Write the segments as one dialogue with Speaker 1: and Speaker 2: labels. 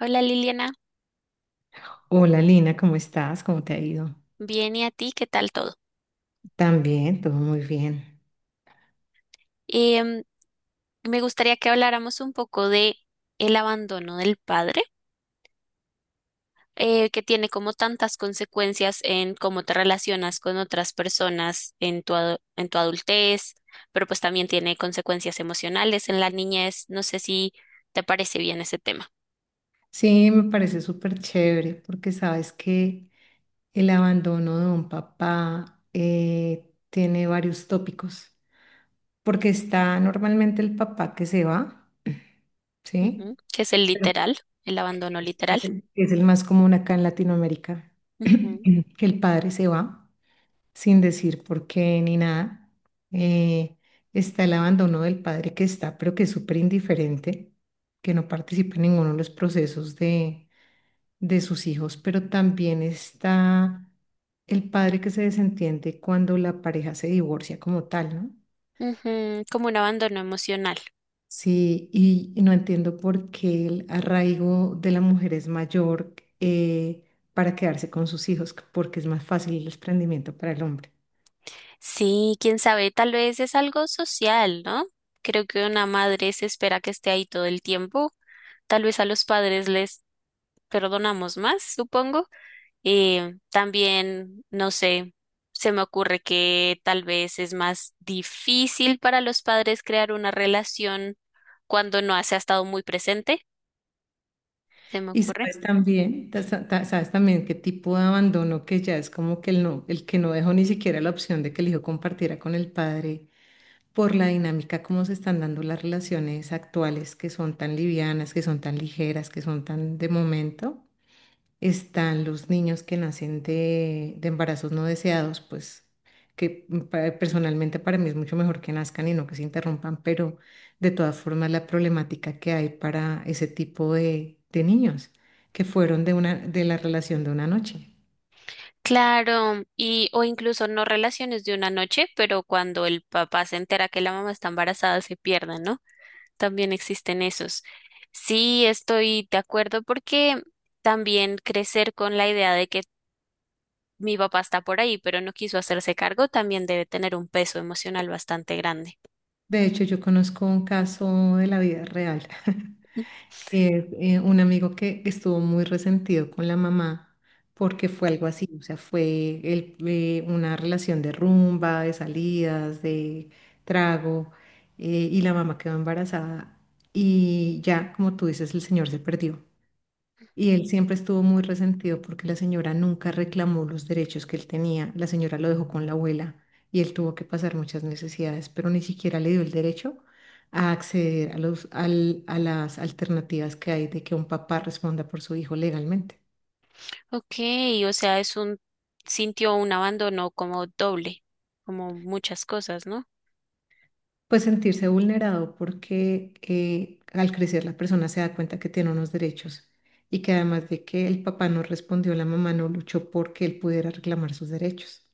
Speaker 1: Hola Liliana,
Speaker 2: Hola Lina, ¿cómo estás? ¿Cómo te ha ido?
Speaker 1: bien, ¿y a ti? ¿Qué tal todo?
Speaker 2: También, todo muy bien.
Speaker 1: Em, Me gustaría que habláramos un poco de el abandono del padre, que tiene como tantas consecuencias en cómo te relacionas con otras personas en en tu adultez, pero pues también tiene consecuencias emocionales en la niñez. No sé si te parece bien ese tema.
Speaker 2: Sí, me parece súper chévere porque sabes que el abandono de un papá tiene varios tópicos, porque está normalmente el papá que se va, ¿sí?
Speaker 1: Ujú, que es el
Speaker 2: Pero
Speaker 1: literal, el
Speaker 2: que
Speaker 1: abandono literal.
Speaker 2: es el más común acá en Latinoamérica,
Speaker 1: Ujú.
Speaker 2: que el padre se va sin decir por qué ni nada. Eh, Está el abandono del padre que está, pero que es súper indiferente, que no participa en ninguno de los procesos de sus hijos, pero también está el padre que se desentiende cuando la pareja se divorcia como tal, ¿no?
Speaker 1: Ujú, como un abandono emocional.
Speaker 2: Sí, y no entiendo por qué el arraigo de la mujer es mayor para quedarse con sus hijos, porque es más fácil el desprendimiento para el hombre.
Speaker 1: Sí, quién sabe, tal vez es algo social, ¿no? Creo que una madre se espera que esté ahí todo el tiempo. Tal vez a los padres les perdonamos más, supongo. También, no sé, se me ocurre que tal vez es más difícil para los padres crear una relación cuando no se ha estado muy presente, se me
Speaker 2: Y
Speaker 1: ocurre.
Speaker 2: sabes también, sabes también qué tipo de abandono que ya es como que el que no dejó ni siquiera la opción de que el hijo compartiera con el padre por la dinámica como se están dando las relaciones actuales, que son tan livianas, que son tan ligeras, que son tan de momento. Están los niños que nacen de embarazos no deseados, pues que personalmente para mí es mucho mejor que nazcan y no que se interrumpan, pero de todas formas la problemática que hay para ese tipo de niños que fueron de una, de la relación de una noche.
Speaker 1: Claro, y o incluso no relaciones de una noche, pero cuando el papá se entera que la mamá está embarazada se pierden, ¿no? También existen esos. Sí, estoy de acuerdo porque también crecer con la idea de que mi papá está por ahí, pero no quiso hacerse cargo, también debe tener un peso emocional bastante grande.
Speaker 2: De hecho, yo conozco un caso de la vida real. Es un amigo que estuvo muy resentido con la mamá porque fue algo así, o sea, fue una relación de rumba, de salidas, de trago, y la mamá quedó embarazada y ya, como tú dices, el señor se perdió. Y él siempre estuvo muy resentido porque la señora nunca reclamó los derechos que él tenía. La señora lo dejó con la abuela y él tuvo que pasar muchas necesidades, pero ni siquiera le dio el derecho a acceder a a las alternativas que hay de que un papá responda por su hijo legalmente.
Speaker 1: Ok, o sea, sintió un abandono como doble, como muchas cosas, ¿no?
Speaker 2: Pues sentirse vulnerado porque al crecer la persona se da cuenta que tiene unos derechos y que además de que el papá no respondió, la mamá no luchó porque él pudiera reclamar sus derechos.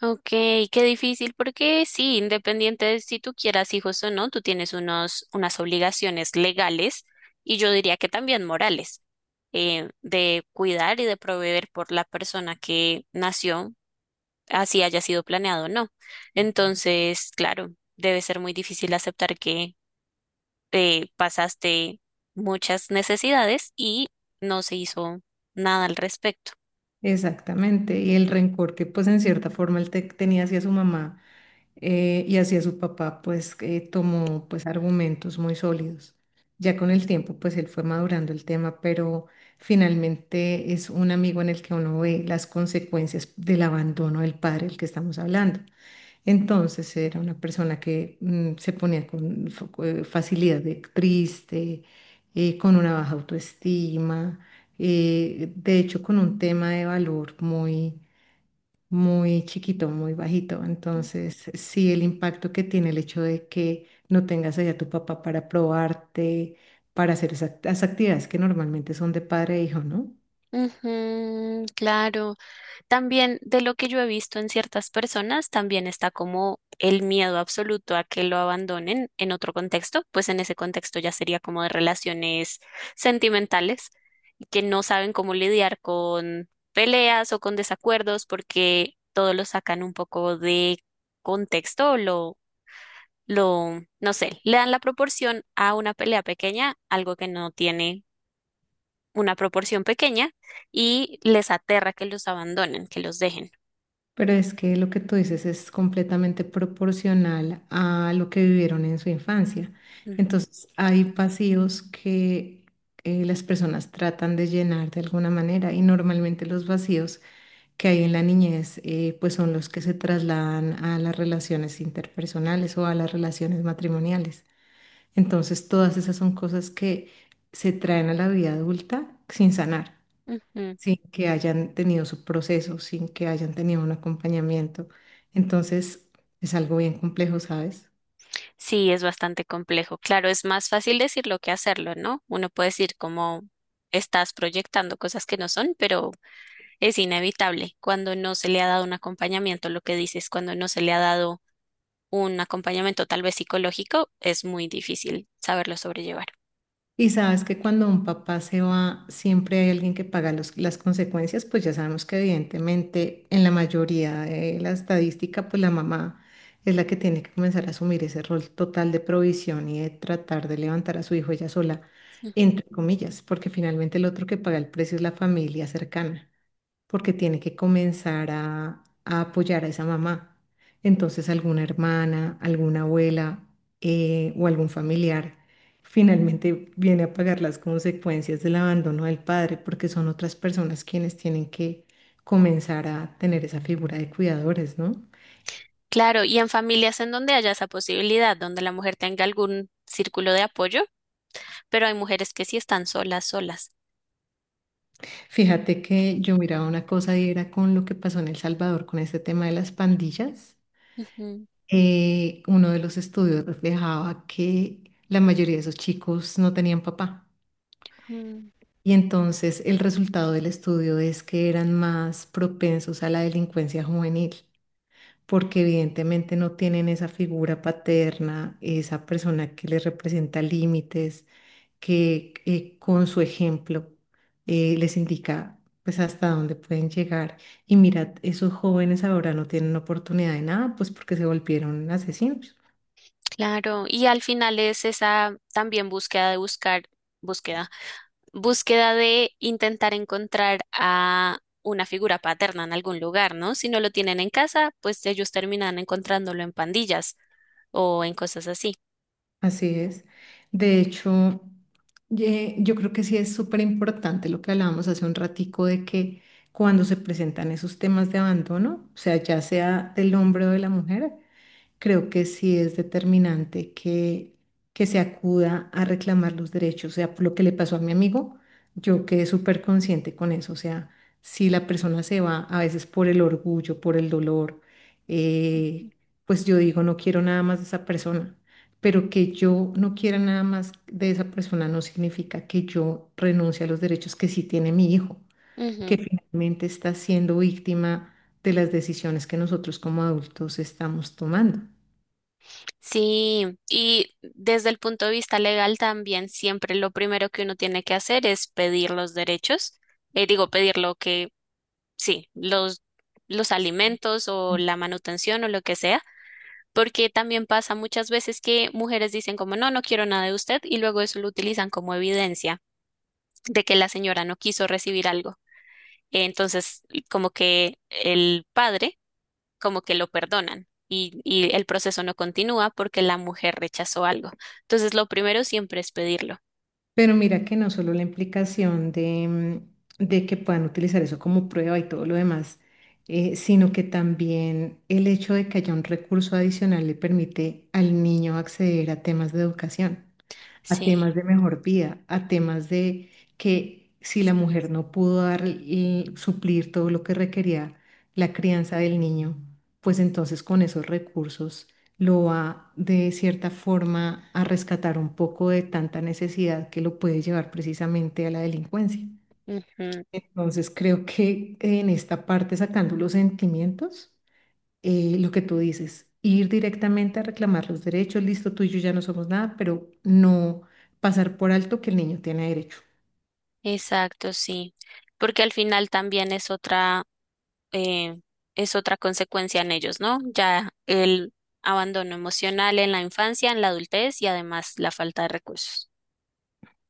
Speaker 1: Ok, qué difícil, porque sí, independiente de si tú quieras hijos o no, tú tienes unas obligaciones legales y yo diría que también morales, de cuidar y de proveer por la persona que nació, así haya sido planeado o no. Entonces, claro, debe ser muy difícil aceptar que pasaste muchas necesidades y no se hizo nada al respecto.
Speaker 2: Exactamente, y el rencor que pues en cierta forma él tenía hacia su mamá y hacia su papá, pues tomó pues argumentos muy sólidos. Ya con el tiempo pues él fue madurando el tema, pero finalmente es un amigo en el que uno ve las consecuencias del abandono del padre del que estamos hablando. Entonces era una persona que se ponía con facilidad de triste, con una baja autoestima, de hecho con un tema de valor muy, muy chiquito, muy bajito. Entonces sí, el impacto que tiene el hecho de que no tengas allá a tu papá para probarte, para hacer esas, las actividades que normalmente son de padre e hijo, ¿no?
Speaker 1: Ujú, claro. También de lo que yo he visto en ciertas personas, también está como el miedo absoluto a que lo abandonen en otro contexto, pues en ese contexto ya sería como de relaciones sentimentales, que no saben cómo lidiar con peleas o con desacuerdos porque todo lo sacan un poco de contexto, o no sé, le dan la proporción a una pelea pequeña, algo que no tiene una proporción pequeña, y les aterra que los abandonen, que los dejen.
Speaker 2: Pero es que lo que tú dices es completamente proporcional a lo que vivieron en su infancia. Entonces, hay vacíos que las personas tratan de llenar de alguna manera, y normalmente los vacíos que hay en la niñez, pues son los que se trasladan a las relaciones interpersonales o a las relaciones matrimoniales. Entonces, todas esas son cosas que se traen a la vida adulta sin sanar,
Speaker 1: Ujú.
Speaker 2: sin que hayan tenido su proceso, sin que hayan tenido un acompañamiento. Entonces, es algo bien complejo, ¿sabes?
Speaker 1: Sí, es bastante complejo. Claro, es más fácil decirlo que hacerlo, ¿no? Uno puede decir como estás proyectando cosas que no son, pero es inevitable cuando no se le ha dado un acompañamiento, lo que dices, cuando no se le ha dado un acompañamiento tal vez psicológico, es muy difícil saberlo sobrellevar.
Speaker 2: Y sabes que cuando un papá se va, siempre hay alguien que paga las consecuencias, pues ya sabemos que evidentemente en la mayoría de la estadística, pues la mamá es la que tiene que comenzar a asumir ese rol total de provisión y de tratar de levantar a su hijo ella sola,
Speaker 1: Mm.
Speaker 2: entre comillas, porque finalmente el otro que paga el precio es la familia cercana, porque tiene que comenzar a apoyar a esa mamá. Entonces, alguna hermana, alguna abuela, o algún familiar finalmente viene a pagar las consecuencias del abandono del padre, porque son otras personas quienes tienen que comenzar a tener esa figura de cuidadores, ¿no?
Speaker 1: Claro, y en familias en donde haya esa posibilidad, donde la mujer tenga algún círculo de apoyo, pero hay mujeres que sí están solas, solas.
Speaker 2: Fíjate que yo miraba una cosa y era con lo que pasó en El Salvador con este tema de las pandillas. Uno de los estudios reflejaba que la mayoría de esos chicos no tenían papá.
Speaker 1: Ujú.
Speaker 2: Y entonces el resultado del estudio es que eran más propensos a la delincuencia juvenil, porque evidentemente no tienen esa figura paterna, esa persona que les representa límites, que con su ejemplo les indica pues hasta dónde pueden llegar. Y mirad, esos jóvenes ahora no tienen oportunidad de nada, pues porque se volvieron asesinos.
Speaker 1: Claro, y al final es esa también búsqueda, búsqueda de intentar encontrar a una figura paterna en algún lugar, ¿no? Si no lo tienen en casa, pues ellos terminan encontrándolo en pandillas o en cosas así.
Speaker 2: Así es. De hecho, yo creo que sí es súper importante lo que hablábamos hace un ratico, de que cuando se presentan esos temas de abandono, o sea, ya sea del hombre o de la mujer, creo que sí es determinante que se acuda a reclamar los derechos. O sea, por lo que le pasó a mi amigo, yo quedé súper consciente con eso. O sea, si la persona se va a veces por el orgullo, por el dolor, eh, pues yo digo, no quiero nada más de esa persona, pero que yo no quiera nada más de esa persona no significa que yo renuncie a los derechos que sí tiene mi hijo, que
Speaker 1: Ujú.
Speaker 2: finalmente está siendo víctima de las decisiones que nosotros como adultos estamos tomando.
Speaker 1: Sí, y desde el punto de vista legal también siempre lo primero que uno tiene que hacer es pedir los derechos, digo, pedir lo que, sí, los alimentos o la manutención o lo que sea. Porque también pasa muchas veces que mujeres dicen como no, no quiero nada de usted y luego eso lo utilizan como evidencia de que la señora no quiso recibir algo. Entonces, como que el padre, como que lo perdonan y el proceso no continúa porque la mujer rechazó algo. Entonces, lo primero siempre es pedirlo.
Speaker 2: Pero mira que no solo la implicación de, de que puedan utilizar eso como prueba y todo lo demás, sino que también el hecho de que haya un recurso adicional le permite al niño acceder a temas de educación, a temas
Speaker 1: Sí,
Speaker 2: de mejor vida, a temas de que si la mujer no pudo dar y suplir todo lo que requería la crianza del niño, pues entonces con esos recursos lo va de cierta forma a rescatar un poco de tanta necesidad que lo puede llevar precisamente a la delincuencia.
Speaker 1: ujú.
Speaker 2: Entonces creo que en esta parte, sacando los sentimientos, lo que tú dices, ir directamente a reclamar los derechos, listo, tú y yo ya no somos nada, pero no pasar por alto que el niño tiene derecho.
Speaker 1: Exacto, sí. Porque al final también es otra. eh, es otra consecuencia en ellos, ¿no? Ya el abandono emocional en la infancia, en la adultez y además la falta de recursos.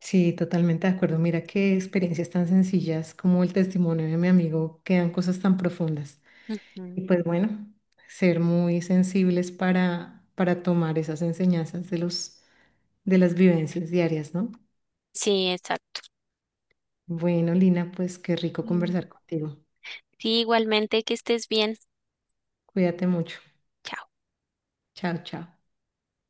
Speaker 2: Sí, totalmente de acuerdo. Mira qué experiencias tan sencillas como el testimonio de mi amigo, quedan cosas tan profundas.
Speaker 1: Ujú.
Speaker 2: Y pues bueno, ser muy sensibles para tomar esas enseñanzas de los, de las vivencias diarias, ¿no?
Speaker 1: Sí, exacto.
Speaker 2: Bueno, Lina, pues qué rico
Speaker 1: Mm.
Speaker 2: conversar contigo.
Speaker 1: Sí, igualmente, que estés bien.
Speaker 2: Cuídate mucho.
Speaker 1: Chao.
Speaker 2: Chao, chao.